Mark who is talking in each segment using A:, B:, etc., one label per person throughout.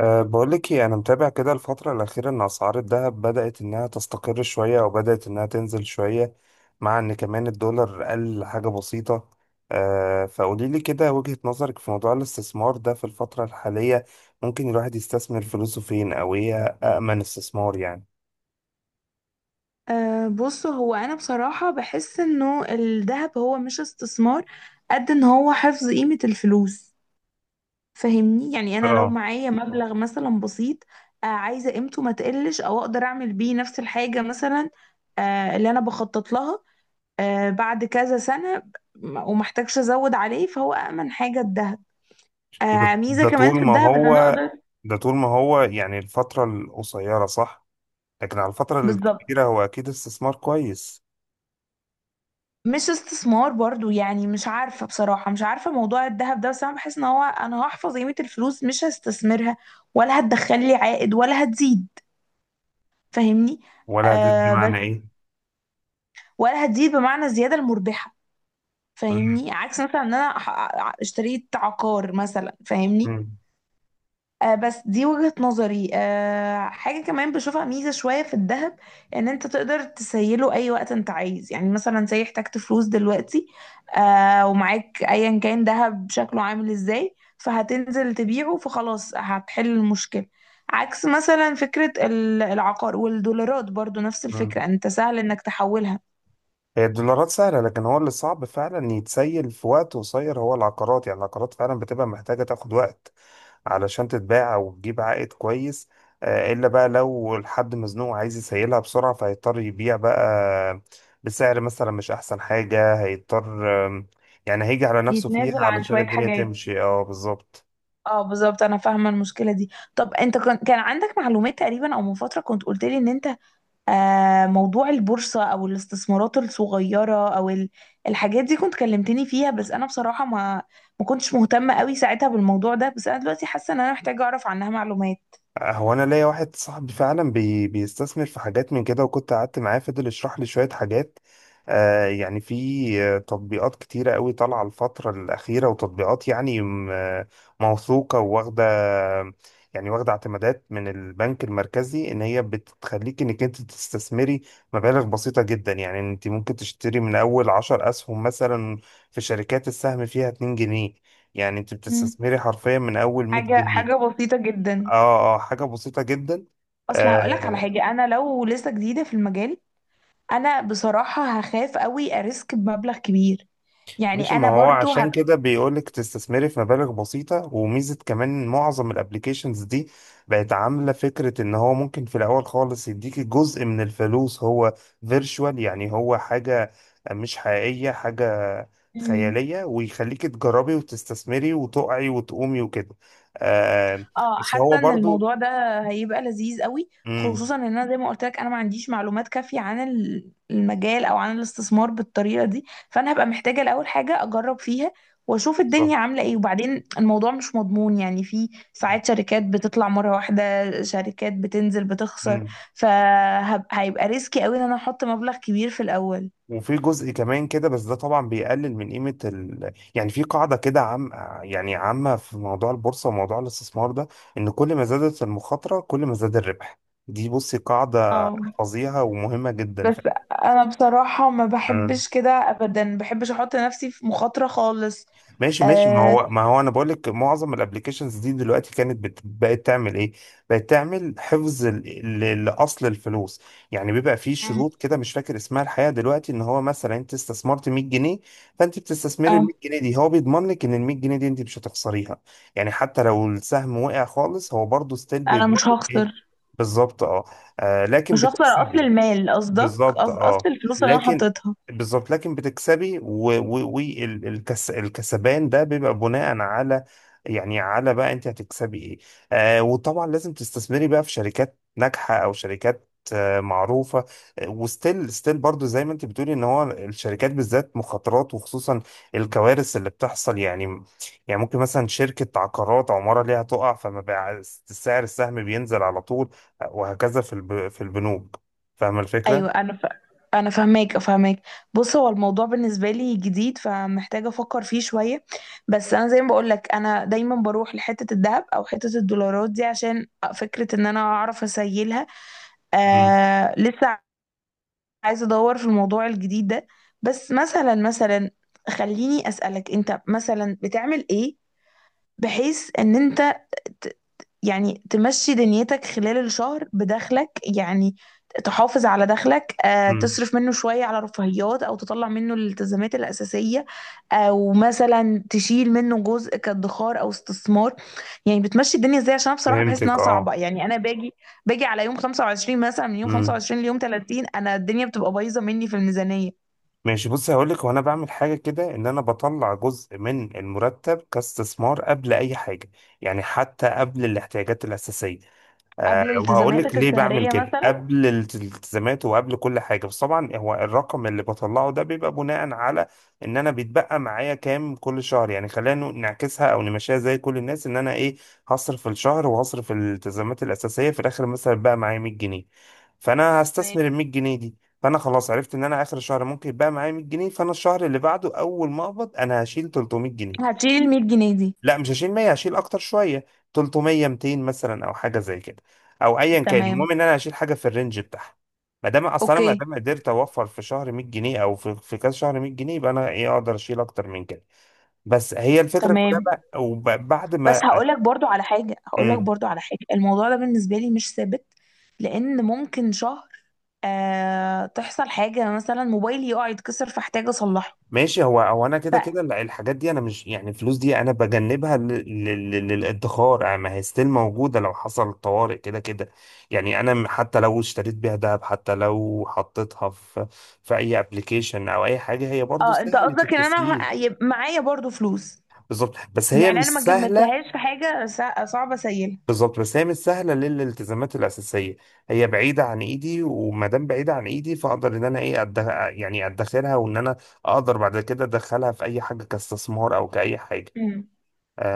A: بقولك ايه، انا متابع كده الفترة الأخيرة ان اسعار الذهب بدأت انها تستقر شوية او بدأت انها تنزل شوية، مع ان كمان الدولار قل حاجة بسيطة. فقوليلي كده وجهة نظرك في موضوع الاستثمار ده في الفترة الحالية. ممكن الواحد يستثمر فلوسه فين، او ايه أأمن استثمار يعني؟
B: بص، هو أنا بصراحة بحس إنه الذهب هو مش استثمار. قد إن هو حفظ قيمة الفلوس. فاهمني؟ يعني أنا لو
A: اه.
B: معايا مبلغ مثلا بسيط، عايزة قيمته ما تقلش أو أقدر أعمل بيه نفس الحاجة مثلا، اللي أنا بخطط لها بعد كذا سنة ومحتاجش أزود عليه، فهو أأمن حاجة الذهب.
A: ده
B: ميزة
A: ده
B: كمان في
A: طول ما
B: الذهب إن أنا
A: هو
B: أقدر.
A: ده طول ما هو، يعني الفترة القصيرة، صح؟ لكن على الفترة
B: بالظبط.
A: الكبيرة هو اكيد استثمار كويس.
B: مش استثمار برضو، يعني مش عارفة بصراحة، مش عارفة موضوع الذهب ده، بس أنا بحس إن هو أنا هحفظ قيمة الفلوس، مش هستثمرها ولا هتدخل لي عائد ولا هتزيد. فاهمني؟
A: ولا ده
B: بس
A: بمعنى ايه؟
B: ولا هتزيد بمعنى الزيادة المربحة.
A: مم،
B: فاهمني؟ عكس مثلا إن أنا اشتريت عقار مثلا. فاهمني؟
A: مم،
B: بس دي وجهة نظري. حاجة كمان بشوفها ميزة شوية في الذهب، ان انت تقدر تسيله اي وقت انت عايز، يعني مثلا زي احتجت فلوس دلوقتي، ومعاك ايا كان ذهب شكله عامل ازاي، فهتنزل تبيعه فخلاص هتحل المشكلة. عكس مثلا فكرة العقار والدولارات، برضو نفس
A: مم.
B: الفكرة انت سهل انك تحولها.
A: هي الدولارات سهلة، لكن هو اللي صعب فعلا يتسيل في وقت قصير هو العقارات. يعني العقارات فعلا بتبقى محتاجة تاخد وقت علشان تتباع أو تجيب عائد كويس. إلا بقى لو الحد مزنوق عايز يسيلها بسرعة، فهيضطر يبيع بقى بسعر مثلا مش أحسن حاجة، هيضطر. آم، يعني هيجي على نفسه فيها
B: يتنازل عن
A: علشان
B: شوية
A: الدنيا
B: حاجات.
A: تمشي. اه، بالظبط.
B: اه، بالظبط، انا فاهمة المشكلة دي. طب انت كان عندك معلومات تقريبا، او من فترة كنت قلت لي ان انت، موضوع البورصة أو الاستثمارات الصغيرة أو الحاجات دي كنت كلمتني فيها، بس أنا بصراحة ما كنتش مهتمة قوي ساعتها بالموضوع ده، بس أنا دلوقتي حاسة إن أنا محتاجة أعرف عنها معلومات.
A: هو انا ليا واحد صاحبي فعلا بيستثمر في حاجات من كده، وكنت قعدت معاه فضل يشرح لي شوية حاجات. آه يعني في آه، تطبيقات كتيرة قوي طالعة الفترة الأخيرة، وتطبيقات يعني موثوقة وواخدة يعني واخدة اعتمادات من البنك المركزي، إن هي بتخليك إنك أنت تستثمري مبالغ بسيطة جدا. يعني أنت ممكن تشتري من أول 10 أسهم مثلا في شركات السهم فيها 2 جنيه. يعني أنت
B: مم.
A: بتستثمري حرفيا من أول 100
B: حاجة
A: جنيه
B: حاجة بسيطة جدا.
A: اه اه، حاجة بسيطة جدا.
B: أصل هقولك على
A: آه
B: حاجة، أنا لو لسه جديدة في المجال، أنا بصراحة هخاف قوي أريسك بمبلغ كبير، يعني
A: مش، ما
B: أنا
A: هو
B: برضو.
A: عشان كده بيقولك تستثمري في مبالغ بسيطة، وميزة كمان معظم الابليكيشنز دي بقت عاملة فكرة ان هو ممكن في الاول خالص يديكي جزء من الفلوس هو فيرتشوال، يعني هو حاجة مش حقيقية، حاجة
B: هبقى.
A: خيالية، ويخليكي تجربي وتستثمري وتقعي وتقومي وكده. آه
B: اه
A: بس هو
B: حاسه ان
A: برضو.
B: الموضوع ده هيبقى لذيذ قوي،
A: امم
B: خصوصا ان انا زي ما قلت لك انا ما عنديش معلومات كافيه عن المجال او عن الاستثمار بالطريقه دي، فانا هبقى محتاجه الاول حاجه اجرب فيها واشوف
A: بالظبط.
B: الدنيا عامله ايه. وبعدين الموضوع مش مضمون، يعني في ساعات شركات بتطلع مره واحده، شركات بتنزل بتخسر.
A: مم.
B: فهيبقى ريسكي قوي ان انا احط مبلغ كبير في الاول.
A: وفي جزء كمان كده، بس ده طبعا بيقلل من قيمة يعني في قاعدة كده عام، يعني عامة، في موضوع البورصة وموضوع الاستثمار ده، إن كل ما زادت المخاطرة كل ما زاد الربح. دي بصي قاعدة،
B: اه،
A: حفظيها ومهمة جدا.
B: بس انا بصراحه ما
A: فعلا.
B: بحبش كده ابدا، ما بحبش احط نفسي في مخاطره خالص.
A: ماشي ماشي، ما
B: أه
A: هو ما هو انا بقول لك معظم الابلكيشنز دي دلوقتي كانت بقت تعمل ايه، بقت تعمل حفظ لاصل الفلوس. يعني بيبقى في شروط كده مش فاكر اسمها الحقيقه دلوقتي، ان هو مثلا انت استثمرت 100 جنيه، فانت بتستثمري ال
B: اه،
A: 100 جنيه دي، هو بيضمن لك ان ال 100 جنيه دي انت مش هتخسريها. يعني حتى لو السهم وقع خالص، هو برضه ستيل
B: انا
A: بيضمن
B: مش
A: لك ايه؟
B: هخسر.
A: بالظبط اه. لكن
B: مش هخسر اصل
A: بتكسبي.
B: المال، قصدك
A: بالظبط
B: اصل
A: اه
B: الفلوس اللي انا
A: لكن
B: حطيتها.
A: بالظبط لكن بتكسبي، والكسبان ده بيبقى بناء على، يعني على بقى انت هتكسبي ايه. وطبعا لازم تستثمري بقى في شركات ناجحة او شركات معروفة. وستيل برضو زي ما انت بتقولي ان هو الشركات بالذات مخاطرات، وخصوصا الكوارث اللي بتحصل. يعني، يعني ممكن مثلا شركة عقارات عمارة ليها تقع، فما بقى سعر السهم بينزل على طول، وهكذا في البنوك. فاهمة
B: ايوه،
A: الفكرة؟
B: انا فاهماك فاهماك. بص، هو الموضوع بالنسبه لي جديد، فمحتاجه افكر فيه شويه. بس انا زي ما بقول لك، انا دايما بروح لحته الذهب او حته الدولارات دي عشان فكره ان انا اعرف اسيلها.
A: مم.
B: لسه عايزه ادور في الموضوع الجديد ده. بس مثلا خليني اسالك، انت مثلا بتعمل ايه بحيث ان انت، ت- يعني تمشي دنيتك خلال الشهر بدخلك، يعني تحافظ على دخلك،
A: مم.
B: تصرف منه شوية على رفاهيات، أو تطلع منه الالتزامات الأساسية، أو مثلا تشيل منه جزء كادخار أو استثمار. يعني بتمشي الدنيا ازاي؟ عشان أنا بصراحة بحس إنها
A: فهمتك
B: صعبة،
A: اه.
B: يعني أنا باجي على يوم 25 مثلا، من يوم
A: مم.
B: 25 ليوم 30 أنا الدنيا بتبقى بايظة مني في الميزانية.
A: ماشي، بص هقول لك وانا بعمل حاجه كده، ان انا بطلع جزء من المرتب كاستثمار قبل اي حاجه، يعني حتى قبل الاحتياجات الاساسيه.
B: قبل
A: وهقول لك
B: التزاماتك
A: ليه بعمل
B: الشهرية
A: كده
B: مثلا؟
A: قبل الالتزامات وقبل كل حاجه، بس طبعا هو الرقم اللي بطلعه ده بيبقى بناء على ان انا بيتبقى معايا كام كل شهر. يعني خلينا نعكسها او نمشيها زي كل الناس، ان انا ايه، هصرف الشهر وهصرف الالتزامات الاساسيه في الاخر، مثلا بقى معايا 100 جنيه، فانا
B: تمام.
A: هستثمر ال 100 جنيه دي. فانا خلاص عرفت ان انا اخر الشهر ممكن يبقى معايا 100 جنيه، فانا الشهر اللي بعده اول ما اقبض انا هشيل 300 جنيه.
B: هتشيل ال 100 جنيه دي؟
A: لا، مش هشيل 100، هشيل اكتر شويه، 300، 200 مثلا، او حاجه زي كده، او ايا كان.
B: تمام.
A: المهم ان انا هشيل حاجه في الرينج بتاعها. ما
B: اوكي.
A: دام قدرت اوفر في شهر 100 جنيه، او في كذا شهر 100 جنيه، يبقى انا ايه، اقدر اشيل اكتر من كده. بس هي الفكره كلها
B: تمام.
A: بقى، وبعد
B: بس
A: ما...
B: هقولك برضو على حاجة،
A: مم.
B: الموضوع ده بالنسبة لي مش ثابت، لأن ممكن شهر تحصل حاجة، مثلا موبايلي يقع يتكسر فاحتاج أصلحه.
A: ماشي، هو انا كده كده
B: ف
A: الحاجات دي انا مش، يعني الفلوس دي انا بجنبها للادخار. يعني ما هي ستيل موجوده لو حصل طوارئ كده كده. يعني انا حتى لو اشتريت بيها دهب، حتى لو حطيتها في اي ابلكيشن او اي حاجه، هي برضو
B: اه، انت
A: سهله
B: قصدك ان انا
A: التسجيل.
B: يبقى معايا برضو فلوس،
A: بالظبط بس هي
B: يعني
A: مش
B: انا ما
A: سهله
B: جمدتهاش في حاجة صعبة سيئة.
A: بالظبط، بس هي مش سهله للالتزامات الاساسيه. هي بعيده عن ايدي، وما دام بعيده عن ايدي، فاقدر ان انا ايه، يعني ادخرها، وان انا اقدر بعد كده ادخلها في اي حاجه كاستثمار او كاي حاجه.
B: مم.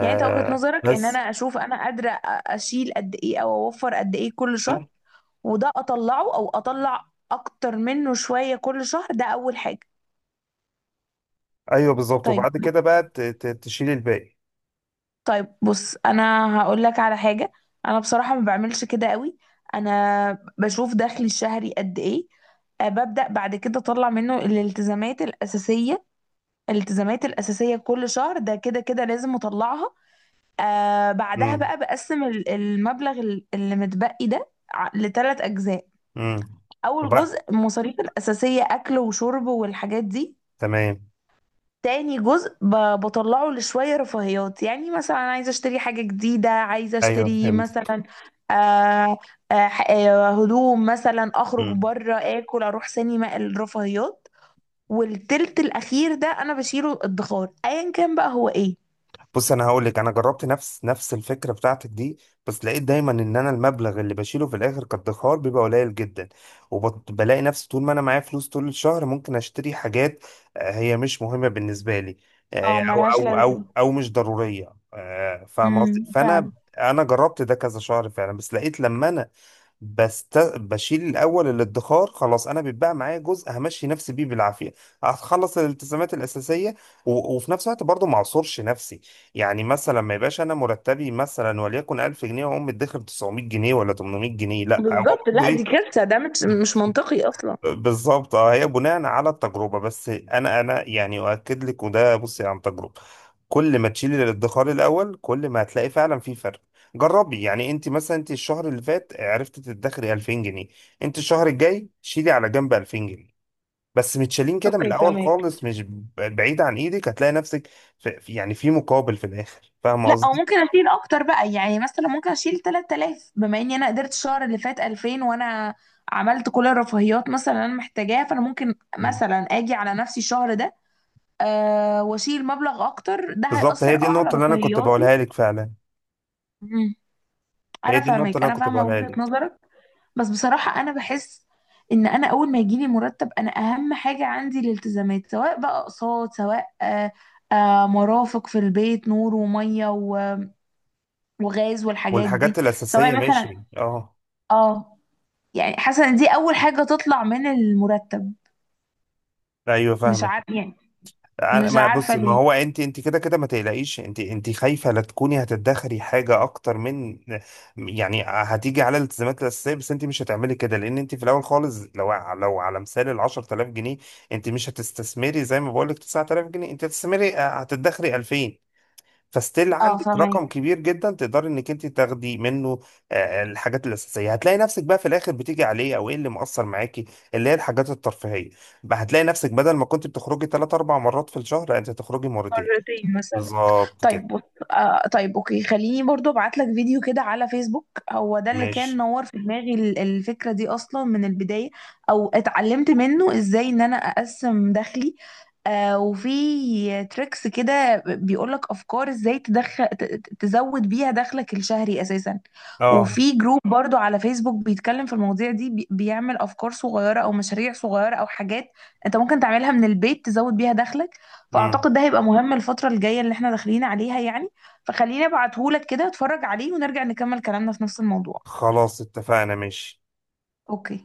B: يعني انت وجهة نظرك ان انا
A: بس
B: اشوف انا قادرة اشيل قد ايه او اوفر قد ايه كل شهر، وده اطلعه او اطلع اكتر منه شوية كل شهر. ده اول حاجة.
A: ايوه بالظبط،
B: طيب.
A: وبعد كده بقى تشيل الباقي.
B: طيب بص، انا هقول لك على حاجه، انا بصراحه ما بعملش كده قوي. انا بشوف دخلي الشهري قد ايه، ببدا بعد كده اطلع منه الالتزامات الاساسيه. الالتزامات الاساسيه كل شهر ده كده كده لازم اطلعها. بعدها
A: امم
B: بقى بقسم المبلغ اللي متبقي ده لثلاث اجزاء.
A: امم
B: اول جزء
A: بقى
B: المصاريف الاساسيه، اكل وشرب والحاجات دي.
A: تمام.
B: تاني جزء بطلعه لشوية رفاهيات، يعني مثلا عايزة اشتري حاجة جديدة، عايزة
A: ايوه
B: اشتري
A: فهمت.
B: مثلا، آه هدوم مثلا، اخرج بره، اكل، اروح سينما، الرفاهيات. والتلت الاخير ده انا بشيله الادخار، ايا كان بقى هو ايه.
A: بص، انا هقول لك، انا جربت نفس الفكره بتاعتك دي، بس لقيت دايما ان انا المبلغ اللي بشيله في الاخر كادخار بيبقى قليل جدا، وبلاقي نفسي طول ما انا معايا فلوس طول الشهر ممكن اشتري حاجات هي مش مهمه بالنسبه لي،
B: اه،
A: آه، او
B: ملهاش
A: او او
B: لازمة.
A: او مش ضروريه، فاهم قصدي. فانا
B: فعلا.
A: انا جربت ده كذا شهر فعلا، بس لقيت لما انا بشيل الاول الادخار، خلاص انا بيتبقى معايا جزء همشي نفسي بيه بالعافيه، هخلص الالتزامات الاساسيه، وفي نفس الوقت برضه ما اعصرش نفسي. يعني مثلا ما يبقاش انا مرتبي مثلا وليكن 1000 جنيه، واقوم مدخر 900 جنيه ولا 800 جنيه، لا، هو
B: بالظبط.
A: برضه
B: لا، دي
A: ايه،
B: كارثة، ده مش منطقي اصلا.
A: بالظبط اه. هي بناء على التجربه، بس انا يعني اؤكد لك، وده بصي عن تجربه، كل ما تشيلي الادخار الاول كل ما هتلاقي فعلا في فرق. جربي، يعني انت الشهر اللي فات عرفتي تدخري 2000 جنيه، انت الشهر الجاي شيلي على جنب 2000 جنيه، بس متشالين كده من
B: اوكي،
A: الاول
B: فهمك.
A: خالص، مش بعيد عن ايدك، هتلاقي نفسك يعني في مقابل في الاخر، فاهمه
B: لا، او
A: قصدي.
B: ممكن اشيل اكتر بقى، يعني مثلا ممكن اشيل 3000، بما اني انا قدرت الشهر اللي فات 2000، وانا عملت كل الرفاهيات مثلا اللي انا محتاجاها، فانا ممكن مثلا اجي على نفسي الشهر ده، واشيل مبلغ اكتر، ده
A: بالظبط، هي
B: هيأثر
A: دي
B: على
A: النقطة اللي أنا كنت
B: رفاهياتي.
A: بقولها لك فعلا.
B: مم.
A: هي
B: انا
A: دي النقطة
B: فاهمك،
A: اللي أنا
B: انا
A: كنت
B: فاهمه
A: بقولها
B: وجهة
A: لك.
B: نظرك. بس بصراحه انا بحس ان انا اول ما يجيلي مرتب انا اهم حاجه عندي الالتزامات، سواء بقى اقساط، سواء مرافق في البيت، نور وميه وغاز والحاجات دي،
A: والحاجات الأساسية،
B: سواء
A: ماشي
B: مثلا.
A: أه.
B: اه يعني حاسه ان دي اول حاجه تطلع من المرتب.
A: أيوه
B: مش
A: فاهمك.
B: عارفه، يعني مش
A: ما، بص،
B: عارفه
A: ما
B: ليه.
A: هو أنت كده كده ما تقلقيش، أنت خايفة لا تكوني هتدخري حاجة أكتر من، يعني هتيجي على الالتزامات الأساسية. بس أنت مش هتعملي كده، لأن أنت في الأول خالص لو على مثال ال 10000 جنيه، أنت مش هتستثمري زي ما بقول لك 9000 جنيه، أنت هتستثمري، هتدخري 2000. فستيل
B: اه،
A: عندك
B: فاهمه.
A: رقم كبير جدا تقدر انك انت تاخدي منه الحاجات الاساسيه. هتلاقي نفسك بقى في الاخر بتيجي عليه، او ايه اللي مؤثر معاكي، اللي هي الحاجات الترفيهيه. بقى هتلاقي نفسك بدل ما كنت بتخرجي 3 4 مرات في الشهر، لا، انت تخرجي مرتين.
B: مرتين مثلا.
A: بالظبط
B: طيب
A: كده.
B: بص، طيب اوكي، خليني برضو ابعت لك فيديو كده على فيسبوك، هو ده اللي كان
A: ماشي
B: نور في دماغي الفكرة دي اصلا من البداية، او اتعلمت منه ازاي ان انا اقسم دخلي، وفي تريكس كده بيقول لك افكار ازاي تدخل تزود بيها دخلك الشهري اساسا.
A: اه.
B: وفي جروب برضو على فيسبوك بيتكلم في المواضيع دي، بيعمل افكار صغيرة او مشاريع صغيرة او حاجات انت ممكن تعملها من البيت تزود بيها دخلك.
A: امم.
B: فاعتقد ده هيبقى مهم الفترة الجاية اللي احنا داخلين عليها، يعني. فخليني ابعتهولك كده اتفرج عليه ونرجع نكمل كلامنا في نفس الموضوع.
A: خلاص اتفقنا، ماشي.
B: اوكي.